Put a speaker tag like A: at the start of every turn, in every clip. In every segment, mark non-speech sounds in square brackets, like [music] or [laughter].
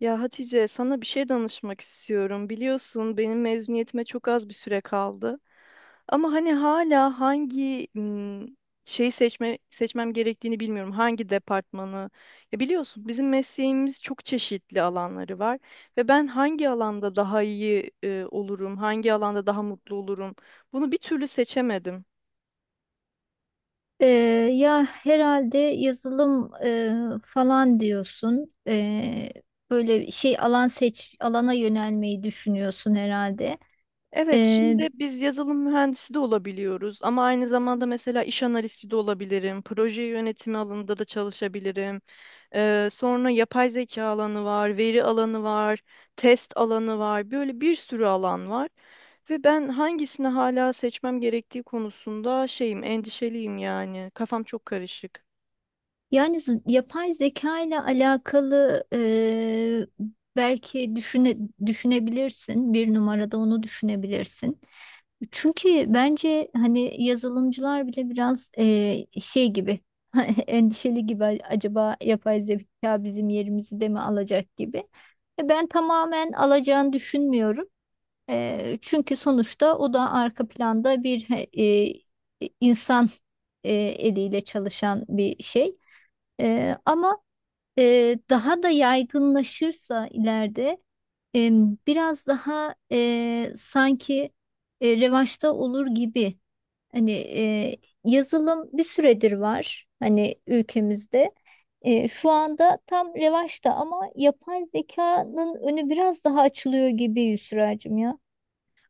A: Ya Hatice, sana bir şey danışmak istiyorum. Biliyorsun benim mezuniyetime çok az bir süre kaldı. Ama hani hala hangi şeyi seçmem gerektiğini bilmiyorum. Hangi departmanı? Ya biliyorsun bizim mesleğimiz çok çeşitli alanları var ve ben hangi alanda daha iyi olurum, hangi alanda daha mutlu olurum? Bunu bir türlü seçemedim.
B: Ee, ya herhalde yazılım falan diyorsun. Böyle şey alan seç alana yönelmeyi düşünüyorsun herhalde.
A: Evet,
B: Ee,
A: şimdi biz yazılım mühendisi de olabiliyoruz ama aynı zamanda mesela iş analisti de olabilirim, proje yönetimi alanında da çalışabilirim. Sonra yapay zeka alanı var, veri alanı var, test alanı var, böyle bir sürü alan var. Ve ben hangisini hala seçmem gerektiği konusunda endişeliyim yani. Kafam çok karışık.
B: Yani yapay zeka ile alakalı belki düşünebilirsin. Bir numarada onu düşünebilirsin. Çünkü bence hani yazılımcılar bile biraz şey gibi [laughs] endişeli gibi acaba yapay zeka bizim yerimizi de mi alacak gibi. Ben tamamen alacağını düşünmüyorum. Çünkü sonuçta o da arka planda bir insan eliyle çalışan bir şey. Ama daha da yaygınlaşırsa ileride eee, biraz daha sanki revaçta olur gibi. Hani yazılım bir süredir var hani ülkemizde. Şu anda tam revaçta ama yapay zekanın önü biraz daha açılıyor gibi Yusra'cığım ya.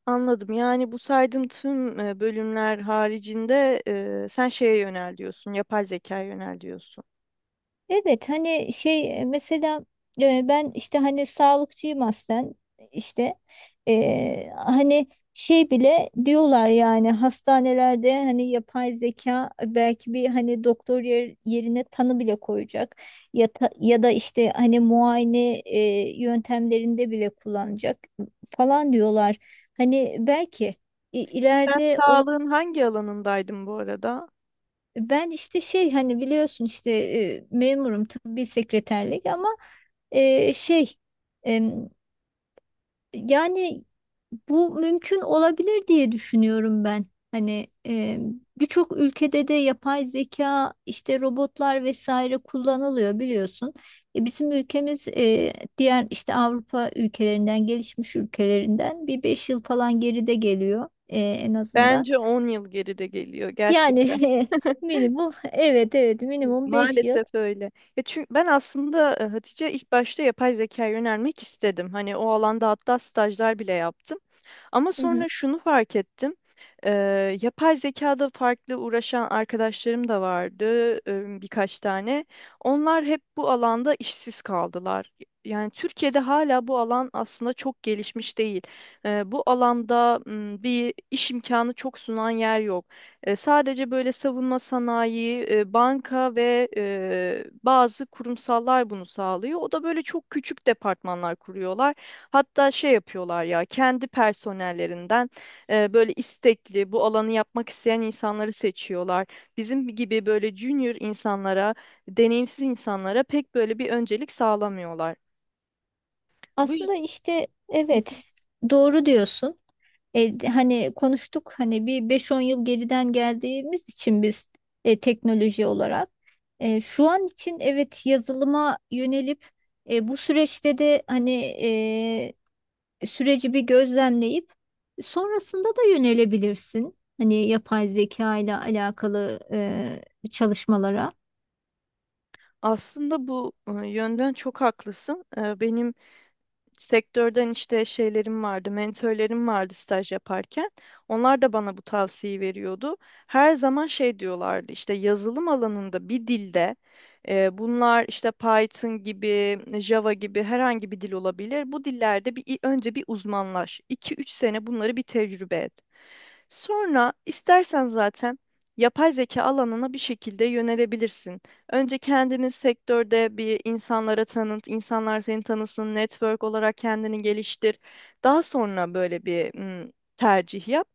A: Anladım. Yani bu saydığım tüm bölümler haricinde sen şeye yönel diyorsun, yapay zekaya yönel diyorsun.
B: Evet, hani şey mesela ben işte hani sağlıkçıyım aslen işte. Hani şey bile diyorlar yani hastanelerde hani yapay zeka belki bir hani doktor yerine tanı bile koyacak ya, ya da işte hani muayene yöntemlerinde bile kullanacak falan diyorlar. Hani belki
A: Sen
B: ileride
A: sağlığın hangi alanındaydın bu arada?
B: ben işte şey hani biliyorsun işte memurum tıbbi sekreterlik ama şey em, yani bu mümkün olabilir diye düşünüyorum ben. Hani birçok ülkede de yapay zeka işte robotlar vesaire kullanılıyor biliyorsun. Bizim ülkemiz diğer işte Avrupa ülkelerinden gelişmiş ülkelerinden bir beş yıl falan geride geliyor en azından.
A: Bence 10 yıl geride geliyor
B: Yani
A: gerçekten.
B: [laughs] minimum, evet evet, minimum 5 yıl.
A: Maalesef öyle. Ya çünkü ben aslında Hatice ilk başta yapay zekaya yönelmek istedim. Hani o alanda hatta stajlar bile yaptım. Ama
B: Hı
A: sonra
B: hı.
A: şunu fark ettim. Yapay zekada farklı uğraşan arkadaşlarım da vardı, birkaç tane. Onlar hep bu alanda işsiz kaldılar. Yani Türkiye'de hala bu alan aslında çok gelişmiş değil. Bu alanda bir iş imkanı çok sunan yer yok. Sadece böyle savunma sanayi, banka ve bazı kurumsallar bunu sağlıyor. O da böyle çok küçük departmanlar kuruyorlar. Hatta şey yapıyorlar ya kendi personellerinden böyle istekli bu alanı yapmak isteyen insanları seçiyorlar. Bizim gibi böyle junior insanlara, deneyimsiz insanlara pek böyle bir öncelik sağlamıyorlar. Bu yüzden,
B: Aslında işte evet, doğru diyorsun. Hani konuştuk hani bir beş on yıl geriden geldiğimiz için biz teknoloji olarak. Şu an için evet, yazılıma yönelip bu süreçte de hani e, süreci bir gözlemleyip sonrasında da yönelebilirsin. Hani yapay zeka ile alakalı çalışmalara.
A: aslında bu yönden çok haklısın. Benim sektörden işte şeylerim vardı, mentörlerim vardı staj yaparken. Onlar da bana bu tavsiyeyi veriyordu. Her zaman şey diyorlardı işte yazılım alanında bir dilde, bunlar işte Python gibi, Java gibi herhangi bir dil olabilir. Bu dillerde bir önce bir uzmanlaş. 2-3 sene bunları bir tecrübe et. Sonra istersen zaten yapay zeka alanına bir şekilde yönelebilirsin. Önce kendini sektörde bir insanlara tanıt, insanlar seni tanısın, network olarak kendini geliştir. Daha sonra böyle bir mm, tercih yap.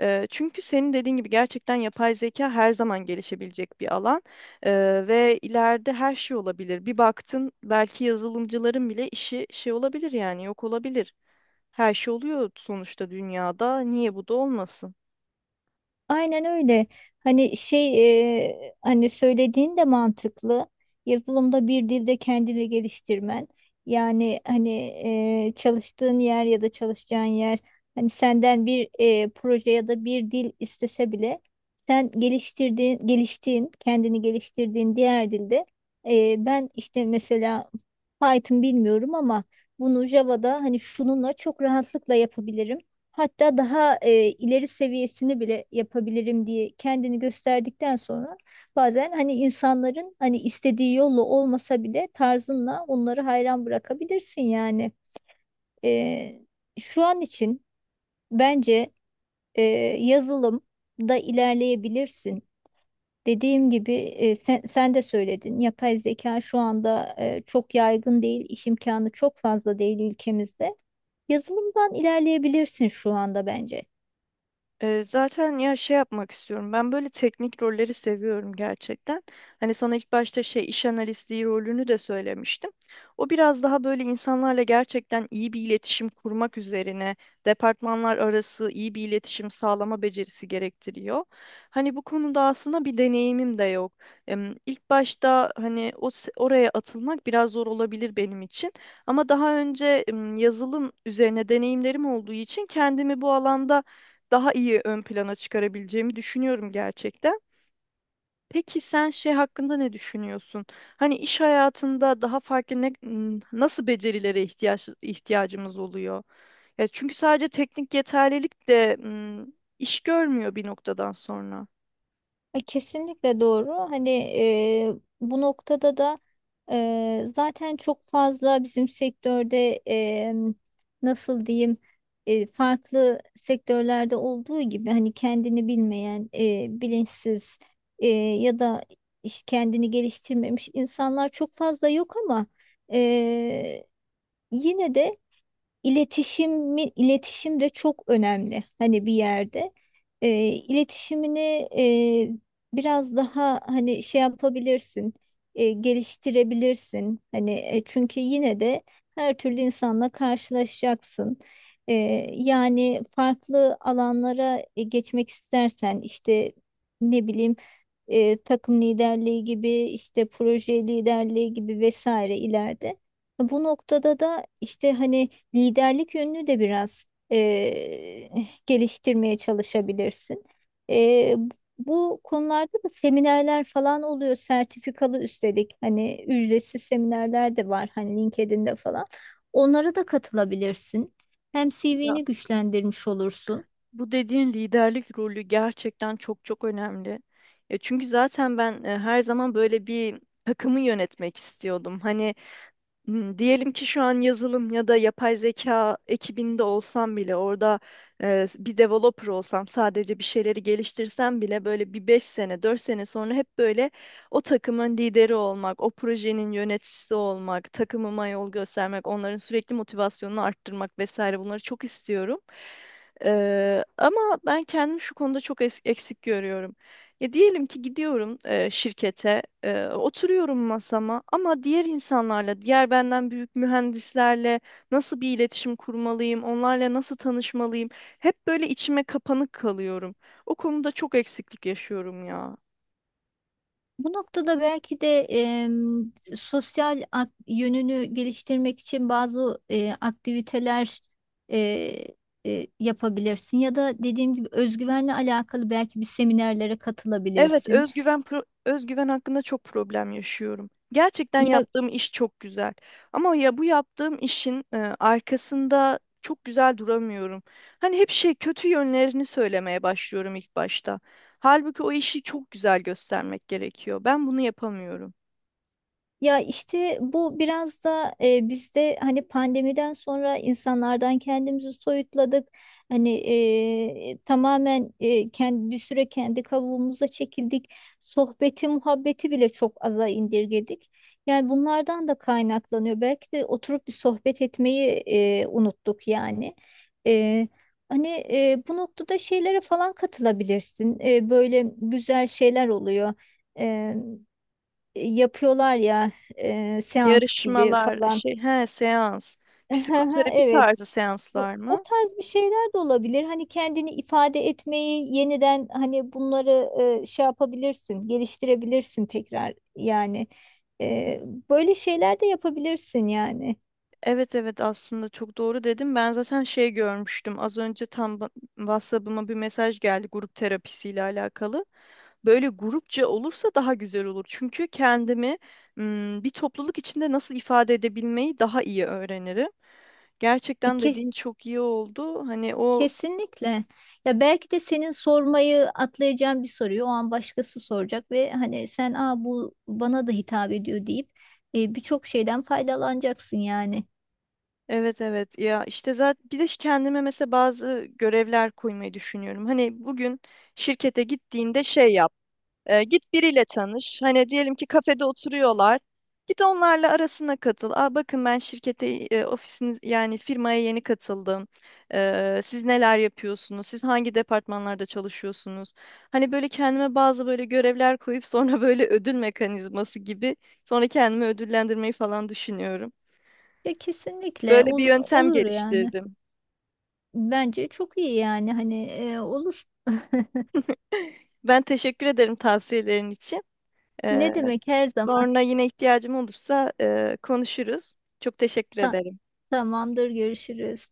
A: Çünkü senin dediğin gibi gerçekten yapay zeka her zaman gelişebilecek bir alan. Ve ileride her şey olabilir. Bir baktın belki yazılımcıların bile işi şey olabilir yani yok olabilir. Her şey oluyor sonuçta dünyada. Niye bu da olmasın?
B: Aynen öyle. Hani şey hani söylediğin de mantıklı. Yazılımda bir dilde kendini geliştirmen. Yani hani çalıştığın yer ya da çalışacağın yer hani senden bir proje ya da bir dil istese bile sen kendini geliştirdiğin diğer dilde ben işte mesela Python bilmiyorum ama bunu Java'da hani şununla çok rahatlıkla yapabilirim. Hatta daha ileri seviyesini bile yapabilirim diye kendini gösterdikten sonra bazen hani insanların hani istediği yolla olmasa bile tarzınla onları hayran bırakabilirsin yani. E, Şu an için bence e, yazılımda ilerleyebilirsin. Dediğim gibi sen de söyledin. Yapay zeka şu anda çok yaygın değil, iş imkanı çok fazla değil ülkemizde. Yazılımdan ilerleyebilirsin şu anda bence.
A: Zaten ya şey yapmak istiyorum. Ben böyle teknik rolleri seviyorum gerçekten. Hani sana ilk başta şey iş analisti rolünü de söylemiştim. O biraz daha böyle insanlarla gerçekten iyi bir iletişim kurmak üzerine, departmanlar arası iyi bir iletişim sağlama becerisi gerektiriyor. Hani bu konuda aslında bir deneyimim de yok. İlk başta hani oraya atılmak biraz zor olabilir benim için. Ama daha önce yazılım üzerine deneyimlerim olduğu için kendimi bu alanda daha iyi ön plana çıkarabileceğimi düşünüyorum gerçekten. Peki sen şey hakkında ne düşünüyorsun? Hani iş hayatında daha farklı nasıl becerilere ihtiyacımız oluyor? Ya çünkü sadece teknik yeterlilik de iş görmüyor bir noktadan sonra.
B: Kesinlikle doğru. Hani bu noktada da zaten çok fazla bizim sektörde nasıl diyeyim farklı sektörlerde olduğu gibi hani kendini bilmeyen, bilinçsiz ya da iş kendini geliştirmemiş insanlar çok fazla yok ama e, yine de iletişim de çok önemli. Hani bir yerde iletişimini e, biraz daha hani şey yapabilirsin, geliştirebilirsin. Hani çünkü yine de her türlü insanla karşılaşacaksın. E, Yani farklı alanlara geçmek istersen işte ne bileyim takım liderliği gibi işte proje liderliği gibi vesaire ileride. Bu noktada da işte hani liderlik yönünü de biraz e, geliştirmeye çalışabilirsin. E, Bu konularda da seminerler falan oluyor, sertifikalı üstelik. Hani ücretsiz seminerler de var, hani LinkedIn'de falan. Onlara da katılabilirsin. Hem
A: Ya
B: CV'ni güçlendirmiş olursun.
A: bu dediğin liderlik rolü gerçekten çok çok önemli. Ya çünkü zaten ben her zaman böyle bir takımı yönetmek istiyordum. Hani, diyelim ki şu an yazılım ya da yapay zeka ekibinde olsam bile orada bir developer olsam sadece bir şeyleri geliştirsem bile böyle bir 5 sene 4 sene sonra hep böyle o takımın lideri olmak, o projenin yöneticisi olmak, takımıma yol göstermek, onların sürekli motivasyonunu arttırmak vesaire bunları çok istiyorum. Ama ben kendimi şu konuda çok eksik görüyorum. Ya diyelim ki gidiyorum şirkete, oturuyorum masama ama diğer insanlarla, diğer benden büyük mühendislerle nasıl bir iletişim kurmalıyım, onlarla nasıl tanışmalıyım? Hep böyle içime kapanık kalıyorum. O konuda çok eksiklik yaşıyorum ya.
B: Bu noktada belki de sosyal yönünü geliştirmek için bazı aktiviteler e, yapabilirsin ya da dediğim gibi özgüvenle alakalı belki bir seminerlere
A: Evet,
B: katılabilirsin.
A: özgüven hakkında çok problem yaşıyorum. Gerçekten yaptığım iş çok güzel. Ama ya bu yaptığım işin arkasında çok güzel duramıyorum. Hani hep şey kötü yönlerini söylemeye başlıyorum ilk başta. Halbuki o işi çok güzel göstermek gerekiyor. Ben bunu yapamıyorum.
B: Ya işte bu biraz da bizde hani pandemiden sonra insanlardan kendimizi soyutladık. Hani tamamen kendi bir süre kendi kavuğumuza çekildik. Sohbeti, muhabbeti bile çok aza indirgedik. Yani bunlardan da kaynaklanıyor. Belki de oturup bir sohbet etmeyi unuttuk yani. E, Hani bu noktada şeylere falan katılabilirsin. Böyle güzel şeyler oluyor, yapıyorlar ya, seans gibi
A: Yarışmalar,
B: falan.
A: şey, he, seans,
B: [laughs]
A: psikoterapi
B: Evet.
A: tarzı
B: O
A: seanslar
B: o
A: mı?
B: tarz bir şeyler de olabilir. Hani kendini ifade etmeyi yeniden hani bunları şey yapabilirsin, geliştirebilirsin tekrar yani. E, Böyle şeyler de yapabilirsin yani.
A: Evet, evet, aslında çok doğru dedim. Ben zaten şey görmüştüm. Az önce tam WhatsApp'ıma bir mesaj geldi grup terapisiyle alakalı. Böyle grupça olursa daha güzel olur. Çünkü kendimi bir topluluk içinde nasıl ifade edebilmeyi daha iyi öğrenirim.
B: E,
A: Gerçekten
B: ke-
A: dediğin çok iyi oldu. Hani o.
B: kesinlikle. Ya belki de senin sormayı atlayacağın bir soruyu o an başkası soracak ve hani sen Aa, bu bana da hitap ediyor deyip birçok şeyden faydalanacaksın yani.
A: Evet, evet, ya işte zaten bir de kendime mesela bazı görevler koymayı düşünüyorum. Hani bugün şirkete gittiğinde şey yap. Git biriyle tanış. Hani diyelim ki kafede oturuyorlar. Git onlarla arasına katıl. Aa, bakın ben şirkete, ofisiniz yani firmaya yeni katıldım. Siz neler yapıyorsunuz? Siz hangi departmanlarda çalışıyorsunuz? Hani böyle kendime bazı böyle görevler koyup sonra [laughs] böyle ödül mekanizması gibi sonra kendimi ödüllendirmeyi falan düşünüyorum.
B: Ya kesinlikle
A: Böyle bir yöntem
B: olur yani.
A: geliştirdim.
B: Bence çok iyi yani hani olur.
A: Ben teşekkür ederim tavsiyelerin için. Ee,
B: Ne demek, her zaman.
A: sonra yine ihtiyacım olursa konuşuruz. Çok teşekkür
B: Ta-
A: ederim.
B: tamamdır, görüşürüz.